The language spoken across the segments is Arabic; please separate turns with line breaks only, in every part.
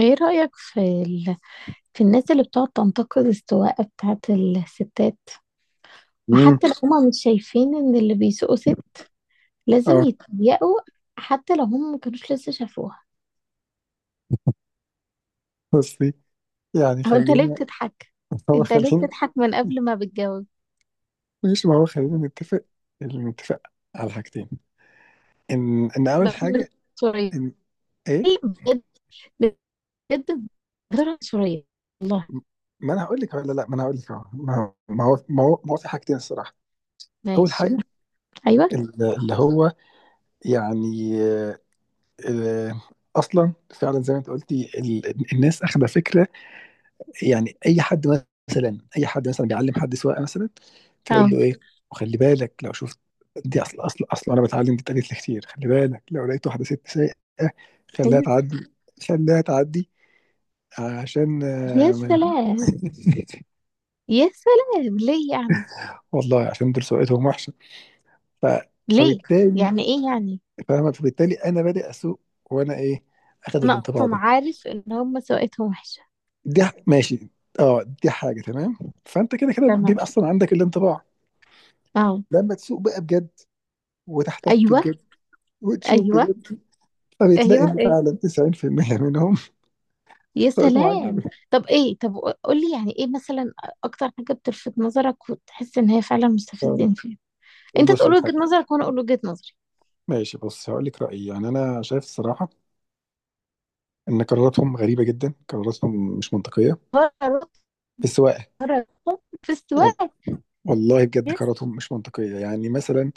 ايه رأيك في في الناس اللي بتقعد تنتقد السواقة بتاعت الستات،
امم.
وحتى لو هما مش شايفين ان اللي بيسوقوا ست لازم
اه.
يتضايقوا، حتى لو هم ما كانوش لسه شافوها.
بصي، يعني
او انت ليه
خلينا.
بتضحك؟
هو
انت ليه
خلينا.
بتضحك من قبل ما بتجاوب؟
ماشي ما هو خلينا نتفق، نتفق على حاجتين. ان اول
بقى من غير
حاجه،
عنصرية.
ان ايه.
بجد، بجد، من غير عنصرية والله.
ما انا هقول لك ولا لا، ما انا هقول لك اهو. ما هو في حاجتين الصراحه. اول
ماشي.
حاجه،
ايوه.
اللي هو يعني، آه، اصلا فعلا زي ما انت قلتي، الناس اخذه فكره. يعني اي حد مثلا، بيعلم حد سواقه مثلا، فيقول
اه.
له ايه، وخلي بالك لو شفت، دي اصل انا بتعلم دي اتقالت لي كتير، خلي بالك لو لقيت واحده ست سايقه خليها
ايوه.
تعدي، خليها تعدي، عشان
يا سلام. يا سلام، ليه يعني؟
والله عشان دول سواقتهم وحشه. ف...
ليه؟
فبالتالي،
يعني ايه يعني؟
فاهمه، فبالتالي انا بادئ اسوق، وانا ايه، اخد
انا
الانطباع
اصلا
ده.
عارف ان هم سواقتهم وحشة.
دي ماشي، اه دي حاجه تمام. فانت كده كده بيبقى
تمام.
اصلا عندك الانطباع،
اه.
لما تسوق بقى بجد، وتحتك
ايوه.
بجد، وتشوف
ايوه.
بجد، فبتلاقي
ايوه.
ان
ايه؟
فعلا 90% منهم
يا
طريقتهم
سلام.
عجيبه.
طب ايه؟ طب قول لي يعني ايه مثلا، اكتر حاجه بتلفت نظرك وتحس ان هي فعلا
طب
مستفزين فيها؟ انت
بص
تقول
على
وجهه
حاجه،
نظرك وانا اقول وجهه نظري.
ماشي بص هقول لك رايي، يعني انا شايف الصراحه ان قراراتهم غريبه جدا، قراراتهم مش منطقيه
فرق.
في السواقه.
فرق في السواقه.
والله بجد
يس.
قراراتهم مش منطقيه. يعني مثلا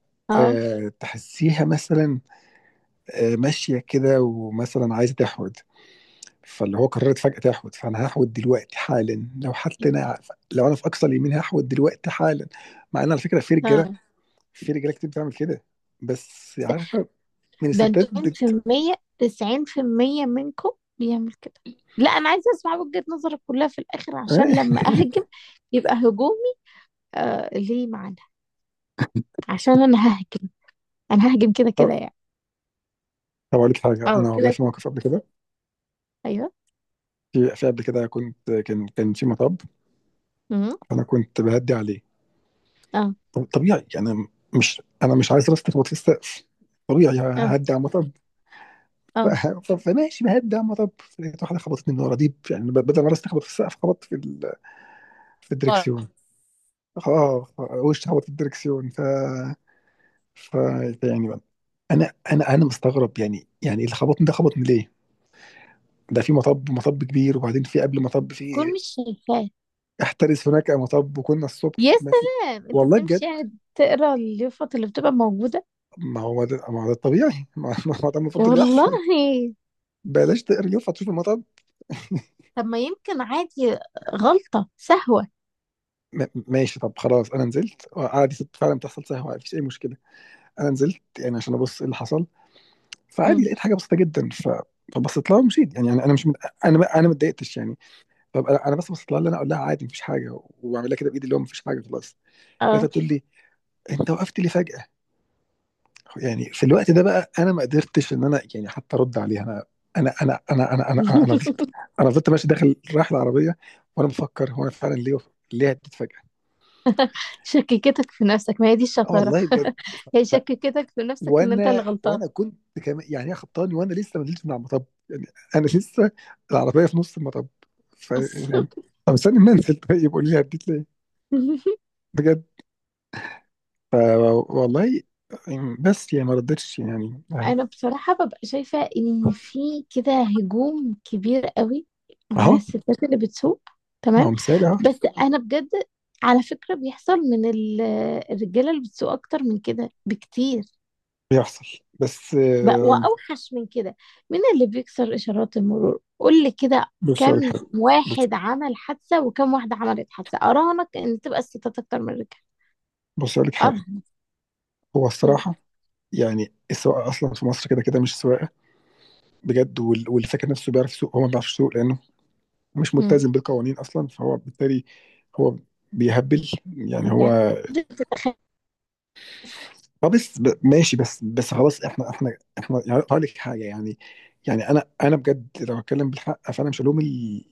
اه.
تحسيها مثلا ماشيه كده، ومثلا عايزه تحود، فاللي هو قررت فجاه تحود، فانا هحود دلوقتي حالا، لو حتى انا، لو انا في اقصى اليمين هحود دلوقتي حالا. مع ان على فكره في رجاله،
اه،
كتير بتعمل كده، بس عارفه، من
ده
الستات
انتوا 90% 90% منكم بيعمل كده. لا انا عايزه اسمع وجهه نظرك كلها في الاخر عشان لما
آه.
اهجم يبقى هجومي. آه، ليه معنى؟ عشان انا ههجم، انا ههجم كده كده
طب،
يعني.
اقول لك حاجه،
اه
انا والله
كده
في
كده.
موقف قبل كده.
ايوه.
في قبل كده كنت، كان في مطب،
امم.
انا كنت بهدي عليه.
اه.
طبيعي يعني، مش انا مش عايز راسي تخبط في السقف، طبيعي
اه.
ههدي على المطب.
اه.
فماشي بهدي على المطب، لقيت واحده خبطتني من ورا، دي يعني، بدل ما راسي تخبط في السقف خبطت في
ورا.
الدركسيون. اه، وش خبط في الدركسيون، فيعني بقى، انا مستغرب، يعني اللي خبطني ده خبطني ليه؟ ده في مطب، كبير، وبعدين في قبل مطب
بكون
في
مش شايفاه.
احترس هناك مطب، وكنا الصبح،
يا
ما في
سلام، انت
والله
بتمشي
بجد.
قاعد تقرا اليافط اللي بتبقى موجودة؟
ما هو ده، الطبيعي. ما هو ده المفروض اللي
والله.
يحصل، بلاش تقريف هتشوف المطب.
طب ما يمكن عادي، غلطة سهوة.
ماشي. طب خلاص انا نزلت عادي، فعلا بتحصل سهوه، مفيش اي مشكله. انا نزلت يعني عشان ابص ايه اللي حصل، فعادي
مم.
لقيت حاجه بسيطه جدا، ف، فبصيت لها ومشيت، يعني انا أنا مش انا ما اتضايقتش يعني. طب انا، بس بصيت لها، اللي انا اقول لها عادي مفيش حاجه، وبعمل لها كده بايدي اللي هو مفيش حاجه خلاص. لقيتها
اه.
بتقول لي، انت وقفت لي فجاه. يعني في الوقت ده بقى انا ما قدرتش ان انا يعني حتى ارد عليها. انا انا انا انا انا انا انا أنا فضلت، انا فضلت ماشي داخل رايح العربيه، وانا بفكر، هو انا فعلا ليه، ليه هديت فجاه.
شككتك في نفسك، ما هي دي
آه
الشطارة.
والله بجد.
هي
ف-
شككتك في نفسك ان انت اللي غلطان.
وانا كنت، كمان يعني، هي خبطاني وانا لسه ما نزلتش من على المطب يعني. انا لسه العربيه في نص المطب، ف،
بص.
يعني، طب استني ما انزل، طيب قول لي هديت ليه، بجد. ف- والله، بس يعني ما ردتش يعني. آه.
انا بصراحة ببقى شايفة ان في كده هجوم كبير قوي على
اهو،
الستات اللي بتسوق.
ما هو
تمام.
مثال اهو.
بس انا بجد، على فكرة بيحصل من الرجالة اللي بتسوق اكتر من كده بكتير،
بيحصل بس،
بقى واوحش من كده. مين اللي بيكسر اشارات المرور؟ قول لي كده،
بص
كم
اقول لك حاجه. بص
واحد عمل حادثة وكم واحدة عملت حادثة؟ اراهنك ان تبقى الستات اكتر من الرجال.
بص اقول لك حاجه.
اراهنك.
هو
قول.
الصراحه يعني السواقه اصلا في مصر كده كده مش سواقه بجد، واللي فاكر نفسه بيعرف يسوق هو ما بيعرفش يسوق، لانه مش
مم.
ملتزم بالقوانين اصلا، فهو بالتالي هو بيهبل يعني. هو
يعني تتخيل؟
اه بس، ماشي، بس بس خلاص، احنا يعني، هقول لك حاجه يعني. يعني انا انا بجد لو اتكلم بالحق، فانا مش هلوم ال-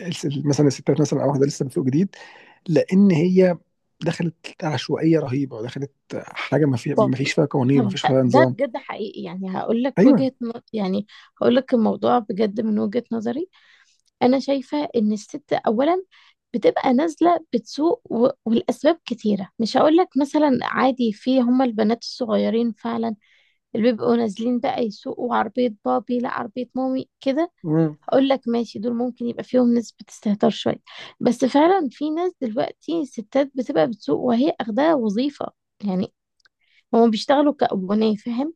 الس- مثلا الستات، مثلا او واحده لسه بتسوق جديد، لان هي دخلت عشوائيه رهيبه، ودخلت حاجه
طب
ما فيش فيها قوانين، ما فيش
ده
فيها
ده
نظام.
بجد حقيقي، يعني هقول لك
ايوه.
يعني هقول لك الموضوع بجد من وجهة نظري. انا شايفه ان الست اولا بتبقى نازله بتسوق، والاسباب كتيره. مش هقول لك مثلا عادي في هما البنات الصغيرين فعلا اللي بيبقوا نازلين بقى يسوقوا عربيه بابي لا عربيه مامي كده.
امم.
هقول لك ماشي، دول ممكن يبقى فيهم نسبه استهتار شويه. بس فعلا في ناس دلوقتي ستات بتبقى بتسوق وهي اخدها وظيفه، يعني هم بيشتغلوا كأبناء، فاهم؟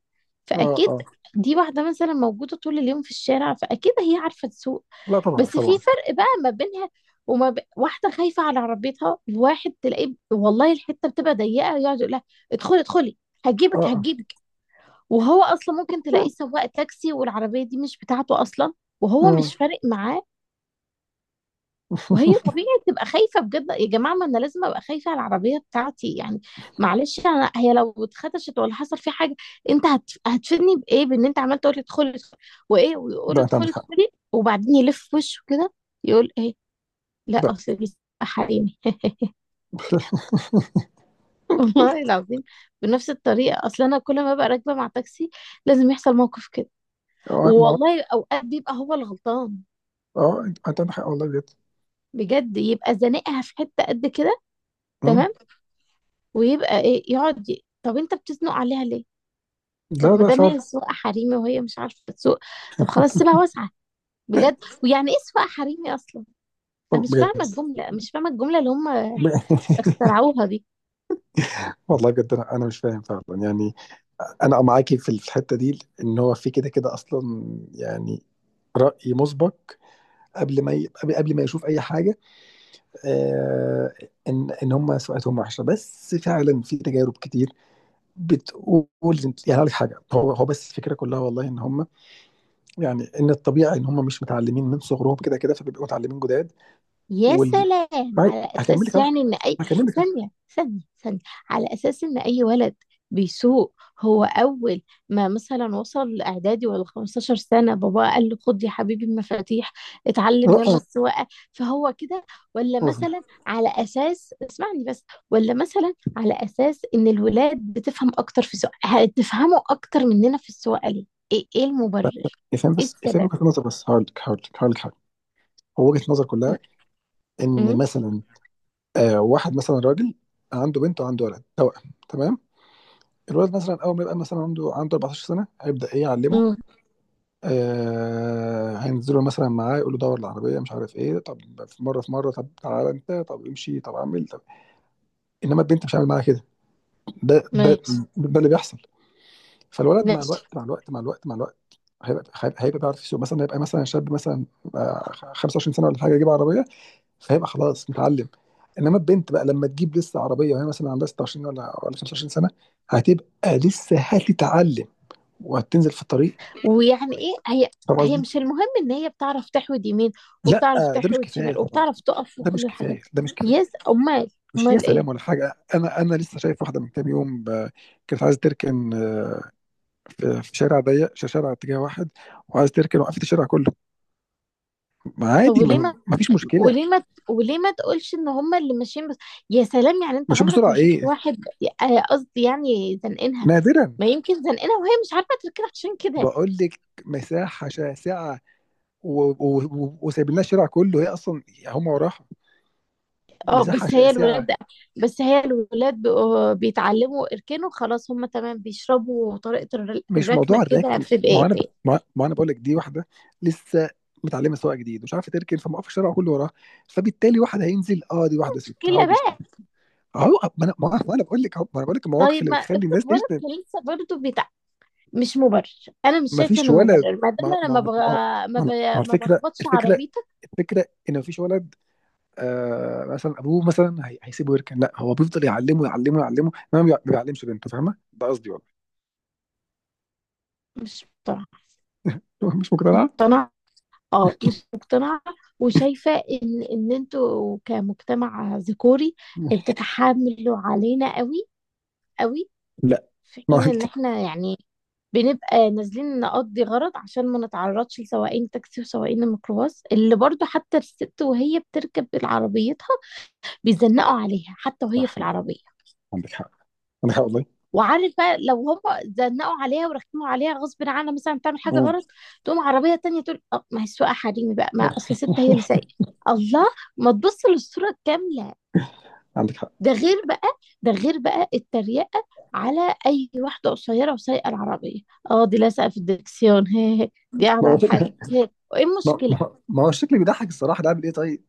اه.
فأكيد
اه.
دي واحدة مثلا موجودة طول اليوم في الشارع، فأكيد هي عارفة تسوق.
لا طبعا،
بس في
طبعا.
فرق بقى ما بينها واحدة خايفة على عربيتها، الواحد تلاقيه والله الحتة بتبقى ضيقة يقعد يقول لها ادخلي ادخلي،
اه.
هجيبك
اه.
هجيبك. وهو أصلا ممكن تلاقيه سواق تاكسي والعربية دي مش بتاعته أصلا، وهو
امم.
مش فارق معاه. وهي طبيعي تبقى خايفة. بجد يا جماعة، ما أنا لازم أبقى خايفة على العربية بتاعتي يعني. معلش، أنا هي لو اتخدشت ولا حصل في حاجة، أنت هتفيدني بإيه بإن أنت عمال تقول لي ادخلي ادخلي؟ وإيه، ويقول
ده انت عندك
ادخلي
حق.
ادخلي وبعدين يلف وشه كده يقول إيه؟ لا
ده.
أصل دي حريمي. كده. والله العظيم بنفس الطريقة، أصل أنا كل ما ببقى راكبة مع تاكسي لازم يحصل موقف كده.
اه ما هو-
والله أوقات بيبقى هو الغلطان
اه انت عندك حق والله بجد.
بجد، يبقى زنقها في حتة قد كده.
امم.
تمام. ويبقى ايه، يقعد طب انت بتزنق عليها ليه؟
لا
طب ما
لا
دام هي
فعلا.
سواقه حريمي وهي مش عارفه تسوق، طب خلاص سيبها واسعه. بجد. ويعني ايه سواقه حريمي اصلا؟ انا مش فاهمه
بجد.
الجمله، مش فاهمه الجمله اللي هم اخترعوها دي.
والله بجد، انا مش فاهم فعلا يعني. انا معاكي في الحته دي، ان هو في كده كده اصلا يعني راي مسبق، قبل ما يشوف اي حاجه. آه، ان هم سمعتهم وحشه، بس فعلا في تجارب كتير بتقول. يعني هقول لك حاجه، هو بس الفكره كلها والله، ان هم يعني، ان الطبيعي ان هم مش متعلمين من صغرهم كده كده، فبيبقوا متعلمين جداد.
يا
وال
سلام،
معايا؟
على
هكمل لك
اساس
اهو،
يعني ان اي...
هكمل لك اهو
ثانيه، ثانيه. على اساس ان اي ولد بيسوق، هو اول ما مثلا وصل اعدادي ولا 15 سنه بابا قال له خد يا حبيبي المفاتيح،
لا،
اتعلم يلا
اه
السواقه؟ فهو كده. ولا
وصل.
مثلا على اساس... اسمعني بس. ولا مثلا على اساس ان الولاد بتفهم اكتر في السواقه، هتفهموا اكتر مننا في السواقه ليه؟ ايه إيه المبرر؟
افهم
ايه
بس، افهم
السبب؟
وجهه نظر بس، هقول لك، هو وجهة نظر كلها، ان
امم.
مثلا آه، واحد مثلا راجل عنده بنت وعنده ولد توأم تمام، الولد مثلا اول ما يبقى مثلا عنده 14 سنه هيبدا ايه يعلمه.
إمم،
آه، هينزله مثلا معاه، يقول له دور العربيه مش عارف ايه، طب في مره، طب تعالى انت، طب امشي، طب اعمل، طب، انما البنت مش هعمل معاها كده. ده ده
ماشي.
ده اللي بيحصل. فالولد مع
ماشي.
الوقت، مع الوقت، مع الوقت، مع الوقت، هيبقى بيعرف يسوق، مثلا هيبقى مثلا شاب مثلا، 25 سنه ولا حاجه، يجيب عربيه، فهيبقى خلاص متعلم. انما البنت بقى لما تجيب لسه عربيه، وهي مثلا عندها 26 ولا 25 سنه، هتبقى لسه هتتعلم، وهتنزل في الطريق.
ويعني ايه، هي
فاهم
هي
قصدي؟
مش المهم ان هي بتعرف تحود يمين
لا
وبتعرف
ده مش
تحود
كفايه
شمال
طبعا.
وبتعرف تقف وكل الحاجات
ده مش
دي؟
كفايه.
يس، امال؟
مش يا
امال
سلام ولا
ايه؟
حاجه، انا لسه شايف واحده من كام يوم، كانت عايزه تركن، في شارع ضيق، شارع اتجاه واحد، وعايزه تركن وقفت الشارع كله، ما
طب
عادي،
وليه ما
ما فيش مشكله.
وليه ما وليه ما تقولش ان هم اللي ماشيين بس؟ يا سلام، يعني انت
مش
عمرك ما
بسرعه
شفت
ايه،
واحد؟ آه، قصدي يعني زنقنها.
نادرا.
ما يمكن زنقنها وهي مش عارفه تركنها عشان كده.
بقول لك مساحه شاسعه، وسايبين لنا الشارع كله، هي اصلا هم وراها
اه
مساحه
بس هي الولاد،
شاسعه.
بس هي الولاد بقوا بيتعلموا يركنوا خلاص، هم تمام بيشربوا طريقه
مش موضوع
الركنه كده
الركن.
في
ما هو انا،
دقيقتين.
ما ما انا بقول لك دي واحده لسه متعلمه سواقه جديد، ومش عارفه تركن، فموقف الشارع كله وراها، فبالتالي واحد هينزل، اه دي واحده ست،
مشكله
هقعد يشتم.
بقى.
اهو، ما انا، ما ما انا بقول لك أهو، ما انا بقول لك المواقف
طيب
اللي
ما
بتخلي
افرض
الناس
ولد
تشتم.
كان لسه برضه بتاع، مش مبرر. انا مش
ما
شايفه
فيش
انه
ولد،
مبرر ما دام
ما
انا ما
ما
بغ...
ما
ما, ب...
ما ما
ما
الفكره،
بخبطش عربيتك.
ان ما فيش ولد آه، مثلا ابوه مثلا هيسيبه يركن، لا هو بيفضل يعلمه، ما بيعلمش بنته، فاهمه ده قصدي والله.
مش مقتنعه.
مش مقتنع؟
مقتنعه. اه مش مقتنعه. وشايفه ان انتوا كمجتمع ذكوري بتتحاملوا علينا قوي، قوي.
لا
في
ما
حين ان
قلت.
احنا يعني بنبقى نازلين نقضي غرض، عشان ما نتعرضش لسواقين تاكسي وسواقين الميكروباص اللي برضو حتى الست وهي بتركب عربيتها بيزنقوا عليها حتى وهي في
صح
العربية.
عندك حق، عندك حق والله.
وعارف بقى لو هم زنقوا عليها ورخموا عليها غصب عنها مثلا تعمل حاجه
مم.
غلط، تقوم عربيه تانية تقول أه ما هي السواقه حريمي بقى، ما اصل ست هي اللي سايقه. الله. ما تبص للصوره الكامله؟
عندك حق.
ده غير بقى، ده غير بقى التريقه على اي واحده قصيره وسايقه العربيه. اه دي لازقه في الدركسيون. هي دي
ما
قاعده
هو
على الحاجه
شكلي،
هي، وايه المشكله؟
بيضحك الصراحة، ده عامل ايه طيب؟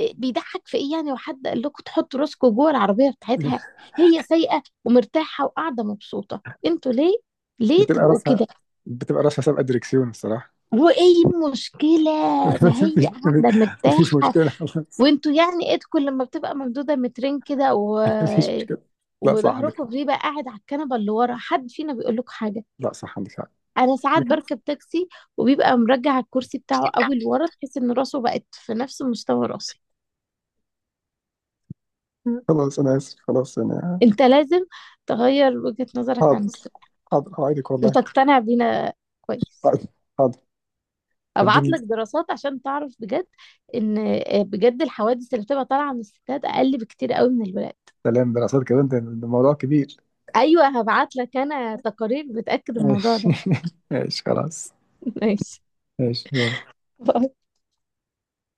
إيه بيضحك في ايه يعني؟ وحد قال لكم تحطوا راسكم جوه العربيه بتاعتها؟ هي سايقه ومرتاحه وقاعده مبسوطه، انتوا ليه؟ ليه
بتبقى
تبقوا
راسها،
كده؟
بتبقى راسها سابقة دريكسيون الصراحة.
وايه المشكلة؟ ما
مفيش،
هي قاعدة
مفيش
مرتاحة.
مشكلة خلاص.
وانتوا يعني ايدكم لما بتبقى ممدودة مترين
مفيش مشكلة. لا صح عندك
وظهركم
حق،
بيبقى قاعد على الكنبة اللي ورا، حد فينا بيقول لكم حاجة؟
لا صح عندك حق،
انا ساعات
عندك حق.
بركب تاكسي وبيبقى مرجع الكرسي بتاعه قوي لورا، تحس ان راسه بقت في نفس مستوى راسي.
خلاص أنا آسف، خلاص أنا
انت لازم تغير وجهة نظرك عن
حاضر،
الثقة
حاضر أوعدك والله.
وتقتنع بينا. كويس.
حاضر، حاضر.
ابعت
هديهم.
لك دراسات عشان تعرف بجد ان آه، بجد الحوادث اللي بتبقى طالعة من الستات اقل بكتير قوي من الولاد.
سلام، دراسات كده أنت الموضوع كبير.
ايوه هبعت لك انا تقارير بتاكد الموضوع
ماشي.
ده.
ماشي خلاص.
ماشي.
ماشي باي.
باي.